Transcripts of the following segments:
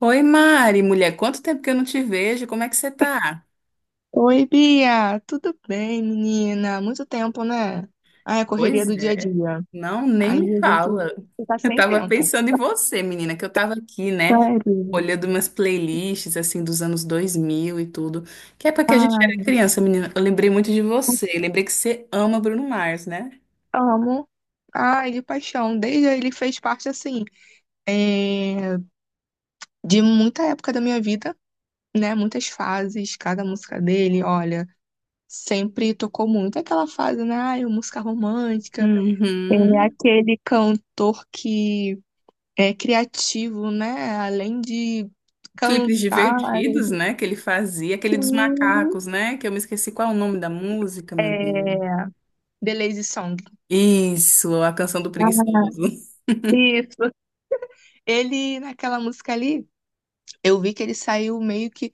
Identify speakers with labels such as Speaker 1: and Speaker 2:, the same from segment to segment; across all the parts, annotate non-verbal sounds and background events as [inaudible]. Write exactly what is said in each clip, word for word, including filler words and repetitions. Speaker 1: Oi, Mari, mulher, quanto tempo que eu não te vejo? Como é que você tá?
Speaker 2: Oi, Bia, tudo bem, menina? Muito tempo, né? Ai, a correria
Speaker 1: Pois
Speaker 2: do dia a
Speaker 1: é.
Speaker 2: dia.
Speaker 1: Não, nem
Speaker 2: Aí
Speaker 1: me
Speaker 2: a gente
Speaker 1: fala.
Speaker 2: fica
Speaker 1: Eu
Speaker 2: sem
Speaker 1: tava
Speaker 2: tempo.
Speaker 1: pensando em você, menina, que eu tava aqui, né,
Speaker 2: Sério?
Speaker 1: olhando umas playlists assim dos anos dois mil e tudo, que época que a gente era
Speaker 2: Ai,
Speaker 1: criança, menina. Eu lembrei muito de você, lembrei que você ama Bruno Mars, né?
Speaker 2: amo. Ai, de paixão. Desde aí ele fez parte, assim, é, de muita época da minha vida, né? Muitas fases, cada música dele, olha, sempre tocou muito. Aquela fase, né? Ai, música romântica. Ele é
Speaker 1: Uhum.
Speaker 2: aquele cantor que é criativo, né? Além de
Speaker 1: Clipes
Speaker 2: cantar,
Speaker 1: divertidos, né, que ele fazia, aquele dos
Speaker 2: assim,
Speaker 1: macacos, né, que eu me esqueci qual é o nome da música, meu Deus.
Speaker 2: é, The Lazy Song.
Speaker 1: Isso, a canção do
Speaker 2: Ah,
Speaker 1: preguiçoso.
Speaker 2: Isso. Ele, naquela música ali, eu vi que ele saiu meio que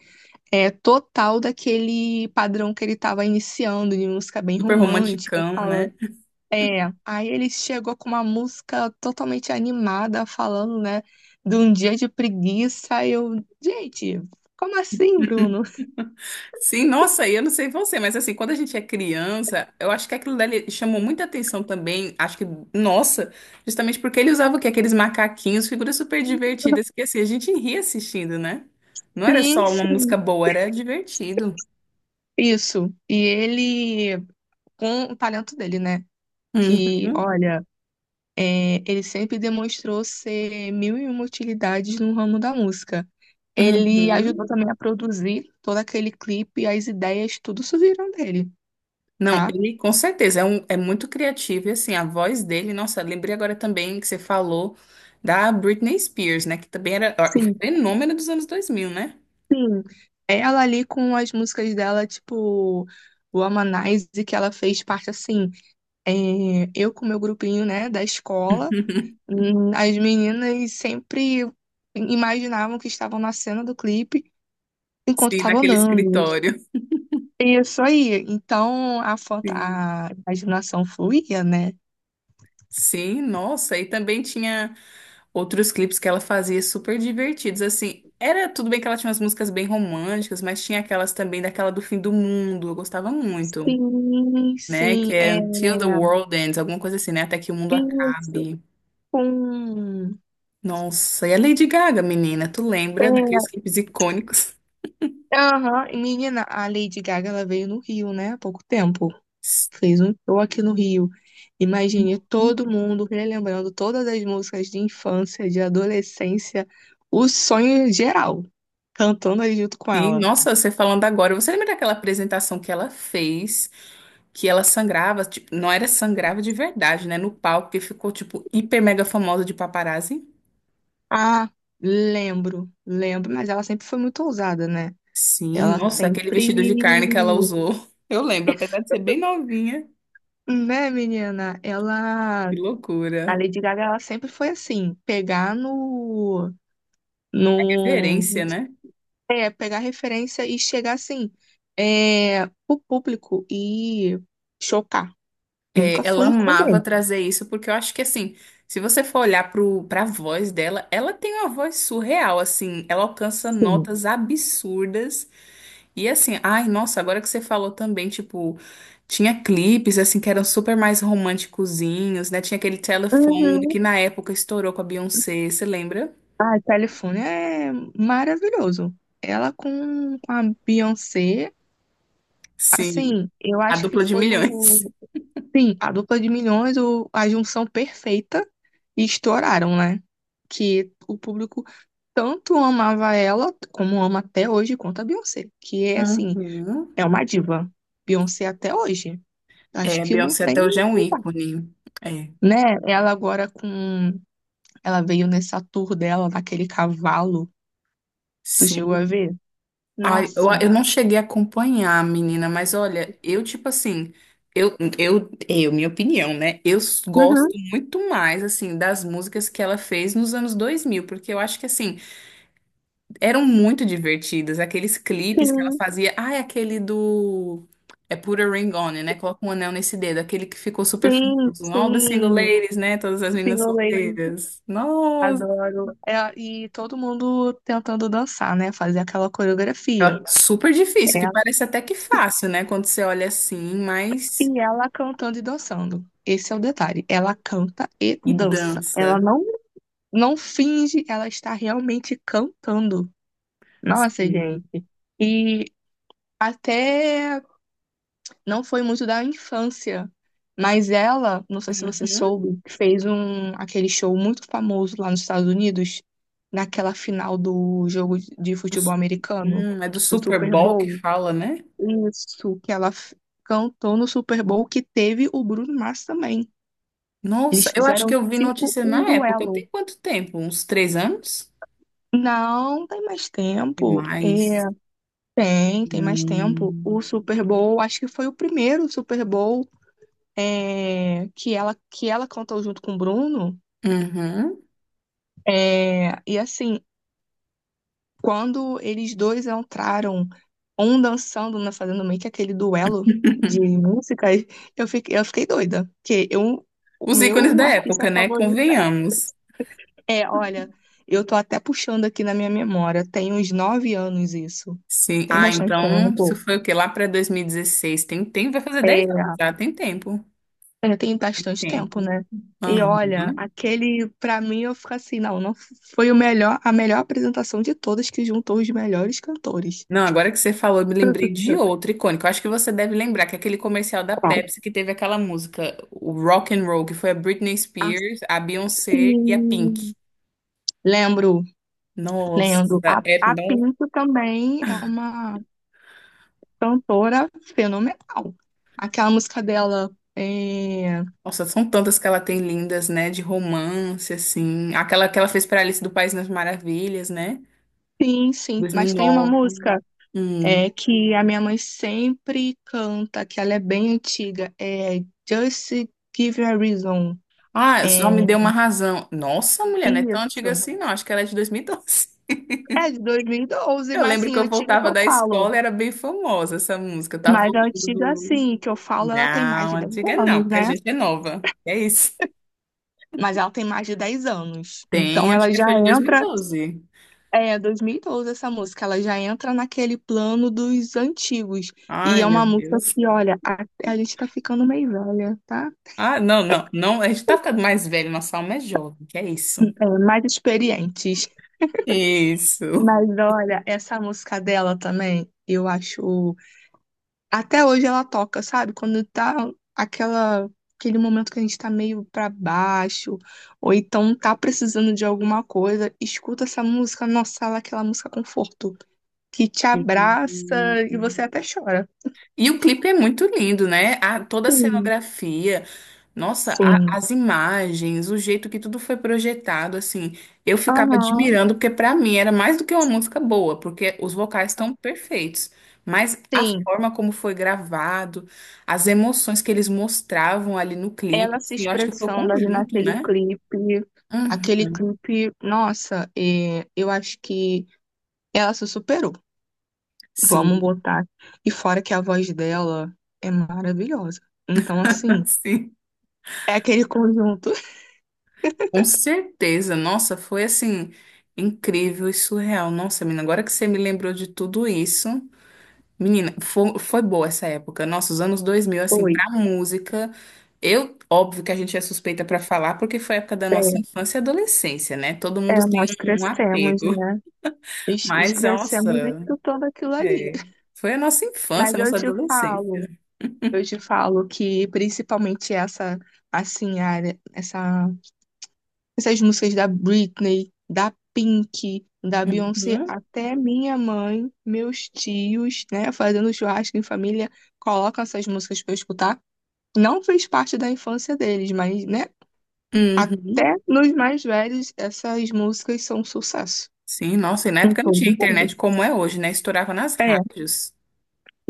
Speaker 2: é, total daquele padrão que ele estava iniciando, de música bem
Speaker 1: Super
Speaker 2: romântica,
Speaker 1: romanticão,
Speaker 2: falando.
Speaker 1: né?
Speaker 2: É, aí ele chegou com uma música totalmente animada, falando, né, de um dia de preguiça. E eu, gente, como assim, Bruno?
Speaker 1: Sim, nossa, e eu não sei você, mas assim, quando a gente é criança, eu acho que aquilo dali chamou muita atenção também, acho que, nossa, justamente porque ele usava o quê? Aqueles macaquinhos, figuras super divertidas, que assim, a gente ria assistindo, né? Não era
Speaker 2: Sim,
Speaker 1: só uma
Speaker 2: sim.
Speaker 1: música boa, era divertido.
Speaker 2: Isso. E ele com o talento dele, né? Que,
Speaker 1: Uhum,
Speaker 2: olha, é, ele sempre demonstrou ser mil e uma utilidades no ramo da música. Ele ajudou
Speaker 1: uhum.
Speaker 2: também a produzir todo aquele clipe, as ideias, tudo isso viram dele,
Speaker 1: Não,
Speaker 2: tá?
Speaker 1: ele com certeza é, um, é muito criativo, e assim, a voz dele, nossa, lembrei agora também que você falou da Britney Spears, né? Que também era ó, o
Speaker 2: Sim,
Speaker 1: fenômeno dos anos dois mil, né?
Speaker 2: sim. Ela ali com as músicas dela, tipo, o Amanize, que ela fez parte assim, é, eu com meu grupinho, né, da escola,
Speaker 1: [laughs]
Speaker 2: hum, as meninas sempre imaginavam que estavam na cena do clipe enquanto
Speaker 1: Sim,
Speaker 2: estavam
Speaker 1: naquele
Speaker 2: andando.
Speaker 1: escritório.
Speaker 2: Isso aí. Então a foto,
Speaker 1: Sim.
Speaker 2: a imaginação fluía, né?
Speaker 1: Sim, nossa, e também tinha outros clipes que ela fazia super divertidos, assim, era tudo bem que ela tinha umas músicas bem românticas, mas tinha aquelas também daquela do fim do mundo, eu gostava muito,
Speaker 2: Sim,
Speaker 1: né, que
Speaker 2: sim,
Speaker 1: é
Speaker 2: é
Speaker 1: Until the World Ends, alguma coisa assim, né, até que o mundo
Speaker 2: isso.
Speaker 1: acabe.
Speaker 2: Com
Speaker 1: Nossa, e a Lady Gaga, menina, tu
Speaker 2: é,
Speaker 1: lembra daqueles clipes icônicos?
Speaker 2: aham. E, Menina, a Lady Gaga ela veio no Rio, né? Há pouco tempo. Fez um show aqui no Rio. Imagine todo mundo relembrando todas as músicas de infância, de adolescência, o sonho geral, cantando aí junto com
Speaker 1: Sim,
Speaker 2: ela.
Speaker 1: nossa, você falando agora, você lembra daquela apresentação que ela fez? Que ela sangrava, ti- não era sangrava de verdade, né? No palco que ficou, tipo, hiper mega famosa de paparazzi.
Speaker 2: Ah, lembro, lembro, mas ela sempre foi muito ousada, né?
Speaker 1: Sim,
Speaker 2: Ela
Speaker 1: nossa, aquele
Speaker 2: sempre,
Speaker 1: vestido de carne que ela usou. [laughs] Eu lembro, apesar de ser bem novinha.
Speaker 2: né, menina? Ela,
Speaker 1: Que
Speaker 2: a
Speaker 1: loucura.
Speaker 2: Lady Gaga, ela sempre foi assim, pegar no, no,
Speaker 1: Referência, né?
Speaker 2: é, pegar referência e chegar assim, é, o público e chocar.
Speaker 1: É,
Speaker 2: Nunca
Speaker 1: ela
Speaker 2: foi com
Speaker 1: amava trazer isso, porque eu acho que, assim, se você for olhar pro, pra voz dela, ela tem uma voz surreal, assim, ela alcança
Speaker 2: Sim.
Speaker 1: notas absurdas. E assim, ai, nossa, agora que você falou também, tipo, tinha clipes assim que eram super mais românticozinhos, né? Tinha aquele telefone
Speaker 2: Uhum.
Speaker 1: que na época estourou com a Beyoncé, você lembra?
Speaker 2: Ah, Califórnia é maravilhoso. Ela com, com a Beyoncé,
Speaker 1: Sim,
Speaker 2: assim, eu
Speaker 1: a
Speaker 2: acho que
Speaker 1: dupla de
Speaker 2: foi
Speaker 1: milhões.
Speaker 2: o Sim, a dupla de milhões, o, a junção perfeita, e estouraram, né? Que o público tanto amava ela, como ama até hoje, quanto a Beyoncé, que é assim,
Speaker 1: Uhum.
Speaker 2: é uma diva. Beyoncé até hoje. Acho
Speaker 1: É, a
Speaker 2: que não
Speaker 1: Beyoncé
Speaker 2: tem,
Speaker 1: até hoje é um
Speaker 2: não vai,
Speaker 1: ícone. É,
Speaker 2: né? Ela agora com. Ela veio nessa tour dela, naquele cavalo. Tu
Speaker 1: sim.
Speaker 2: chegou a ver?
Speaker 1: Ai, eu,
Speaker 2: Nossa.
Speaker 1: eu não cheguei a acompanhar, menina, mas olha, eu, tipo assim, eu, eu, eu, minha opinião, né? Eu s-
Speaker 2: Uhum,
Speaker 1: gosto muito mais, assim, das músicas que ela fez nos anos dois mil porque eu acho que, assim, eram muito divertidas. Aqueles clipes que ela
Speaker 2: sim,
Speaker 1: fazia. Ah, é aquele do. É Put a Ring On It, né? Coloca um anel nesse dedo. Aquele que ficou super
Speaker 2: sim,
Speaker 1: famoso. All the single
Speaker 2: sim.
Speaker 1: ladies, né? Todas as
Speaker 2: Sim,
Speaker 1: meninas
Speaker 2: eu lembro.
Speaker 1: solteiras. Nossa.
Speaker 2: Adoro. É, e todo mundo tentando dançar, né? Fazer aquela coreografia.
Speaker 1: Ela- Super difícil,
Speaker 2: É.
Speaker 1: que parece até que fácil, né? Quando você olha assim, mas.
Speaker 2: E ela cantando e dançando. Esse é o detalhe. Ela canta e
Speaker 1: E
Speaker 2: dança. Ela
Speaker 1: dança.
Speaker 2: não, não finge, ela está realmente cantando. Nossa,
Speaker 1: Sim.
Speaker 2: gente. E até não foi muito da infância, mas ela, não sei se você
Speaker 1: Uhum.
Speaker 2: soube, fez um aquele show muito famoso lá nos Estados Unidos, naquela final do jogo de futebol
Speaker 1: Dos-
Speaker 2: americano,
Speaker 1: Hum, é do
Speaker 2: do
Speaker 1: Super
Speaker 2: Super
Speaker 1: Bowl que
Speaker 2: Bowl.
Speaker 1: fala, né?
Speaker 2: Isso, que ela f- cantou no Super Bowl que teve o Bruno Mars também.
Speaker 1: Nossa,
Speaker 2: Eles
Speaker 1: eu acho que
Speaker 2: fizeram
Speaker 1: eu vi
Speaker 2: tipo
Speaker 1: notícia
Speaker 2: um
Speaker 1: na época.
Speaker 2: duelo.
Speaker 1: Tem quanto tempo? Uns três anos?
Speaker 2: Não, tem mais
Speaker 1: E
Speaker 2: tempo.
Speaker 1: mais.
Speaker 2: É, tem, tem mais tempo. O
Speaker 1: Hum.
Speaker 2: Super Bowl, acho que foi o primeiro Super Bowl é, que ela que ela cantou junto com o Bruno.
Speaker 1: Uhum.
Speaker 2: É, e assim, quando eles dois entraram, um dançando, né, fazendo meio que aquele duelo de
Speaker 1: [laughs]
Speaker 2: músicas, [laughs] eu fiquei, eu fiquei doida. Porque eu, o
Speaker 1: Os ícones
Speaker 2: meu
Speaker 1: da
Speaker 2: artista
Speaker 1: época, né?
Speaker 2: favorito
Speaker 1: Convenhamos.
Speaker 2: é, olha, eu tô até puxando aqui na minha memória, tem uns nove anos isso.
Speaker 1: Sim.
Speaker 2: Tem
Speaker 1: Ah,
Speaker 2: bastante
Speaker 1: então, isso
Speaker 2: tempo.
Speaker 1: foi o quê? Lá para dois mil e dezesseis. Tem tempo, vai fazer
Speaker 2: É,
Speaker 1: dez anos já, tem tempo.
Speaker 2: É, tem
Speaker 1: Tem
Speaker 2: bastante
Speaker 1: tempo.
Speaker 2: tempo, né? E
Speaker 1: Aham.
Speaker 2: olha, aquele, pra mim, eu fico assim, não, não foi o melhor, a melhor apresentação de todas que juntou os melhores cantores.
Speaker 1: Não, agora que você falou, eu me lembrei de outro icônico. Eu acho que você deve lembrar que é aquele comercial da
Speaker 2: Qual?
Speaker 1: Pepsi que teve aquela música, o Rock and Roll, que foi a Britney
Speaker 2: Ah,
Speaker 1: Spears, a Beyoncé e a Pink.
Speaker 2: sim. Lembro,
Speaker 1: Nossa,
Speaker 2: lembro. A,
Speaker 1: é,
Speaker 2: a
Speaker 1: nossa,
Speaker 2: Pinto também é uma cantora fenomenal. Aquela música dela é...
Speaker 1: Nossa, são tantas que ela tem lindas, né? De romance, assim. Aquela que ela fez para Alice do País das Maravilhas, né?
Speaker 2: Sim, sim, mas tem uma
Speaker 1: dois mil e nove.
Speaker 2: música
Speaker 1: Hum.
Speaker 2: é, que a minha mãe sempre canta, que ela é bem antiga, é Just Give Me a Reason.
Speaker 1: Ah, só me
Speaker 2: É,
Speaker 1: deu uma razão. Nossa, mulher, não é tão antiga
Speaker 2: isso.
Speaker 1: assim, não. Acho que ela é de dois mil e doze.
Speaker 2: É de dois mil e doze,
Speaker 1: Eu
Speaker 2: mas
Speaker 1: lembro
Speaker 2: assim,
Speaker 1: que eu
Speaker 2: antiga que
Speaker 1: voltava
Speaker 2: eu
Speaker 1: da
Speaker 2: falo.
Speaker 1: escola e era bem famosa essa música. Eu tava
Speaker 2: Mas a
Speaker 1: voltando
Speaker 2: antiga,
Speaker 1: do.
Speaker 2: assim, que eu falo, ela tem mais
Speaker 1: Não,
Speaker 2: de dez
Speaker 1: antiga não,
Speaker 2: anos,
Speaker 1: porque a
Speaker 2: né?
Speaker 1: gente é nova. É isso.
Speaker 2: Mas ela tem mais de dez anos.
Speaker 1: Tem,
Speaker 2: Então
Speaker 1: acho
Speaker 2: ela
Speaker 1: que
Speaker 2: já
Speaker 1: foi de
Speaker 2: entra.
Speaker 1: dois mil e doze.
Speaker 2: É, dois mil e doze essa música, ela já entra naquele plano dos antigos. E
Speaker 1: Ai,
Speaker 2: é
Speaker 1: meu
Speaker 2: uma música
Speaker 1: Deus.
Speaker 2: que, olha, a, a gente tá ficando meio velha, tá?
Speaker 1: Ah, não, não, não. A gente tá ficando mais velho, nossa alma é jovem, que é isso.
Speaker 2: É, mais experientes.
Speaker 1: Isso.
Speaker 2: Mas olha, essa música dela também, eu acho. Até hoje ela toca, sabe? Quando tá aquela, aquele momento que a gente tá meio pra baixo, ou então tá precisando de alguma coisa, escuta essa música, nossa, ela é aquela música conforto, que te abraça
Speaker 1: Sim.
Speaker 2: e você até chora.
Speaker 1: E o clipe é muito lindo, né? A, toda a
Speaker 2: Sim,
Speaker 1: cenografia. Nossa, a-
Speaker 2: sim.
Speaker 1: as imagens, o jeito que tudo foi projetado, assim, eu ficava
Speaker 2: Aham.
Speaker 1: admirando, porque pra mim era mais do que uma música boa, porque os vocais estão perfeitos, mas a
Speaker 2: Sim,
Speaker 1: forma como foi gravado, as emoções que eles mostravam ali no clipe,
Speaker 2: ela se
Speaker 1: assim, eu acho que foi o
Speaker 2: expressando ali
Speaker 1: conjunto,
Speaker 2: naquele
Speaker 1: né?
Speaker 2: clipe.
Speaker 1: Uhum.
Speaker 2: Aquele clipe, nossa, é, eu acho que ela se superou. Vamos
Speaker 1: Sim,
Speaker 2: botar. E fora que a voz dela é maravilhosa. Então, assim,
Speaker 1: [laughs] sim,
Speaker 2: é aquele conjunto.
Speaker 1: com certeza. Nossa, foi assim, incrível e surreal. Nossa, menina, agora que você me lembrou de tudo isso. Menina, foi, foi boa essa época. Nossa, os anos dois mil
Speaker 2: [laughs]
Speaker 1: assim,
Speaker 2: Oi,
Speaker 1: pra música. Eu, óbvio que a gente é suspeita pra falar, porque foi a época da
Speaker 2: é,
Speaker 1: nossa infância e adolescência, né? Todo mundo
Speaker 2: é,
Speaker 1: tem
Speaker 2: nós
Speaker 1: um, um
Speaker 2: crescemos,
Speaker 1: apego.
Speaker 2: né?
Speaker 1: [laughs]
Speaker 2: Es- es-
Speaker 1: Mas,
Speaker 2: Crescemos
Speaker 1: nossa,
Speaker 2: escutando aquilo ali.
Speaker 1: é, foi a nossa infância,
Speaker 2: Mas
Speaker 1: a
Speaker 2: eu
Speaker 1: nossa
Speaker 2: te
Speaker 1: adolescência.
Speaker 2: falo, eu te falo que principalmente essa, assim, área, essa, essas músicas da Britney, da Pink, da Beyoncé,
Speaker 1: Uhum,
Speaker 2: até minha mãe, meus tios, né, fazendo churrasco em família, colocam essas músicas pra eu escutar. não fez parte da infância deles, mas, né? Até
Speaker 1: uhum.
Speaker 2: nos mais velhos, essas músicas são um sucesso.
Speaker 1: Sim, nossa, e na
Speaker 2: Em
Speaker 1: época não tinha
Speaker 2: todo mundo.
Speaker 1: internet como é hoje, né? Estourava nas
Speaker 2: É,
Speaker 1: rádios.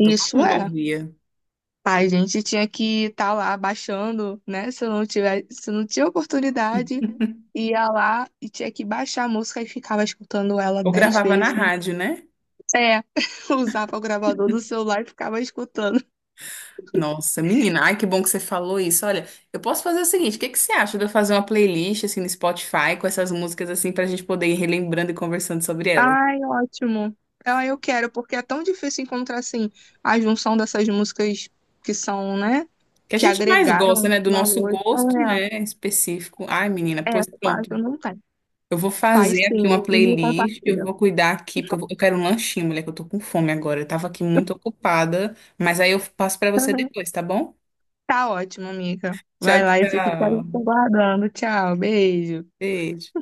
Speaker 1: Então todo mundo
Speaker 2: é.
Speaker 1: ouvia.
Speaker 2: A gente tinha que estar lá baixando, né? Se eu não tiver, se eu não tinha oportunidade, ia lá e tinha que baixar a música e ficava escutando ela
Speaker 1: Ou
Speaker 2: dez
Speaker 1: gravava na
Speaker 2: vezes.
Speaker 1: rádio, né?
Speaker 2: É, [laughs] usava o gravador do celular e ficava escutando.
Speaker 1: Nossa, menina, ai que bom que você falou isso. Olha, eu posso fazer o seguinte, o que que você acha de eu fazer uma playlist assim no Spotify com essas músicas assim pra gente poder ir relembrando e conversando sobre elas?
Speaker 2: Ai, ótimo. Ah, eu quero, porque é tão difícil encontrar assim a junção dessas músicas que são, né?
Speaker 1: Que a
Speaker 2: Que
Speaker 1: gente mais gosta,
Speaker 2: agregaram
Speaker 1: né, do nosso
Speaker 2: valor.
Speaker 1: gosto, né, específico. Ai, menina,
Speaker 2: É, é,
Speaker 1: pois
Speaker 2: quase
Speaker 1: pronto.
Speaker 2: não tem.
Speaker 1: Eu vou
Speaker 2: Faz
Speaker 1: fazer aqui uma
Speaker 2: sim, e me
Speaker 1: playlist, eu
Speaker 2: compartilha.
Speaker 1: vou cuidar aqui, porque eu vou- eu quero um lanchinho, mulher, que eu tô com fome agora. Eu tava aqui muito ocupada, mas aí eu passo pra você depois,
Speaker 2: [laughs]
Speaker 1: tá bom?
Speaker 2: Tá ótimo, amiga.
Speaker 1: Tchau,
Speaker 2: Vai lá, eu fico te
Speaker 1: tchau.
Speaker 2: aguardando. Tchau, beijo.
Speaker 1: Beijo.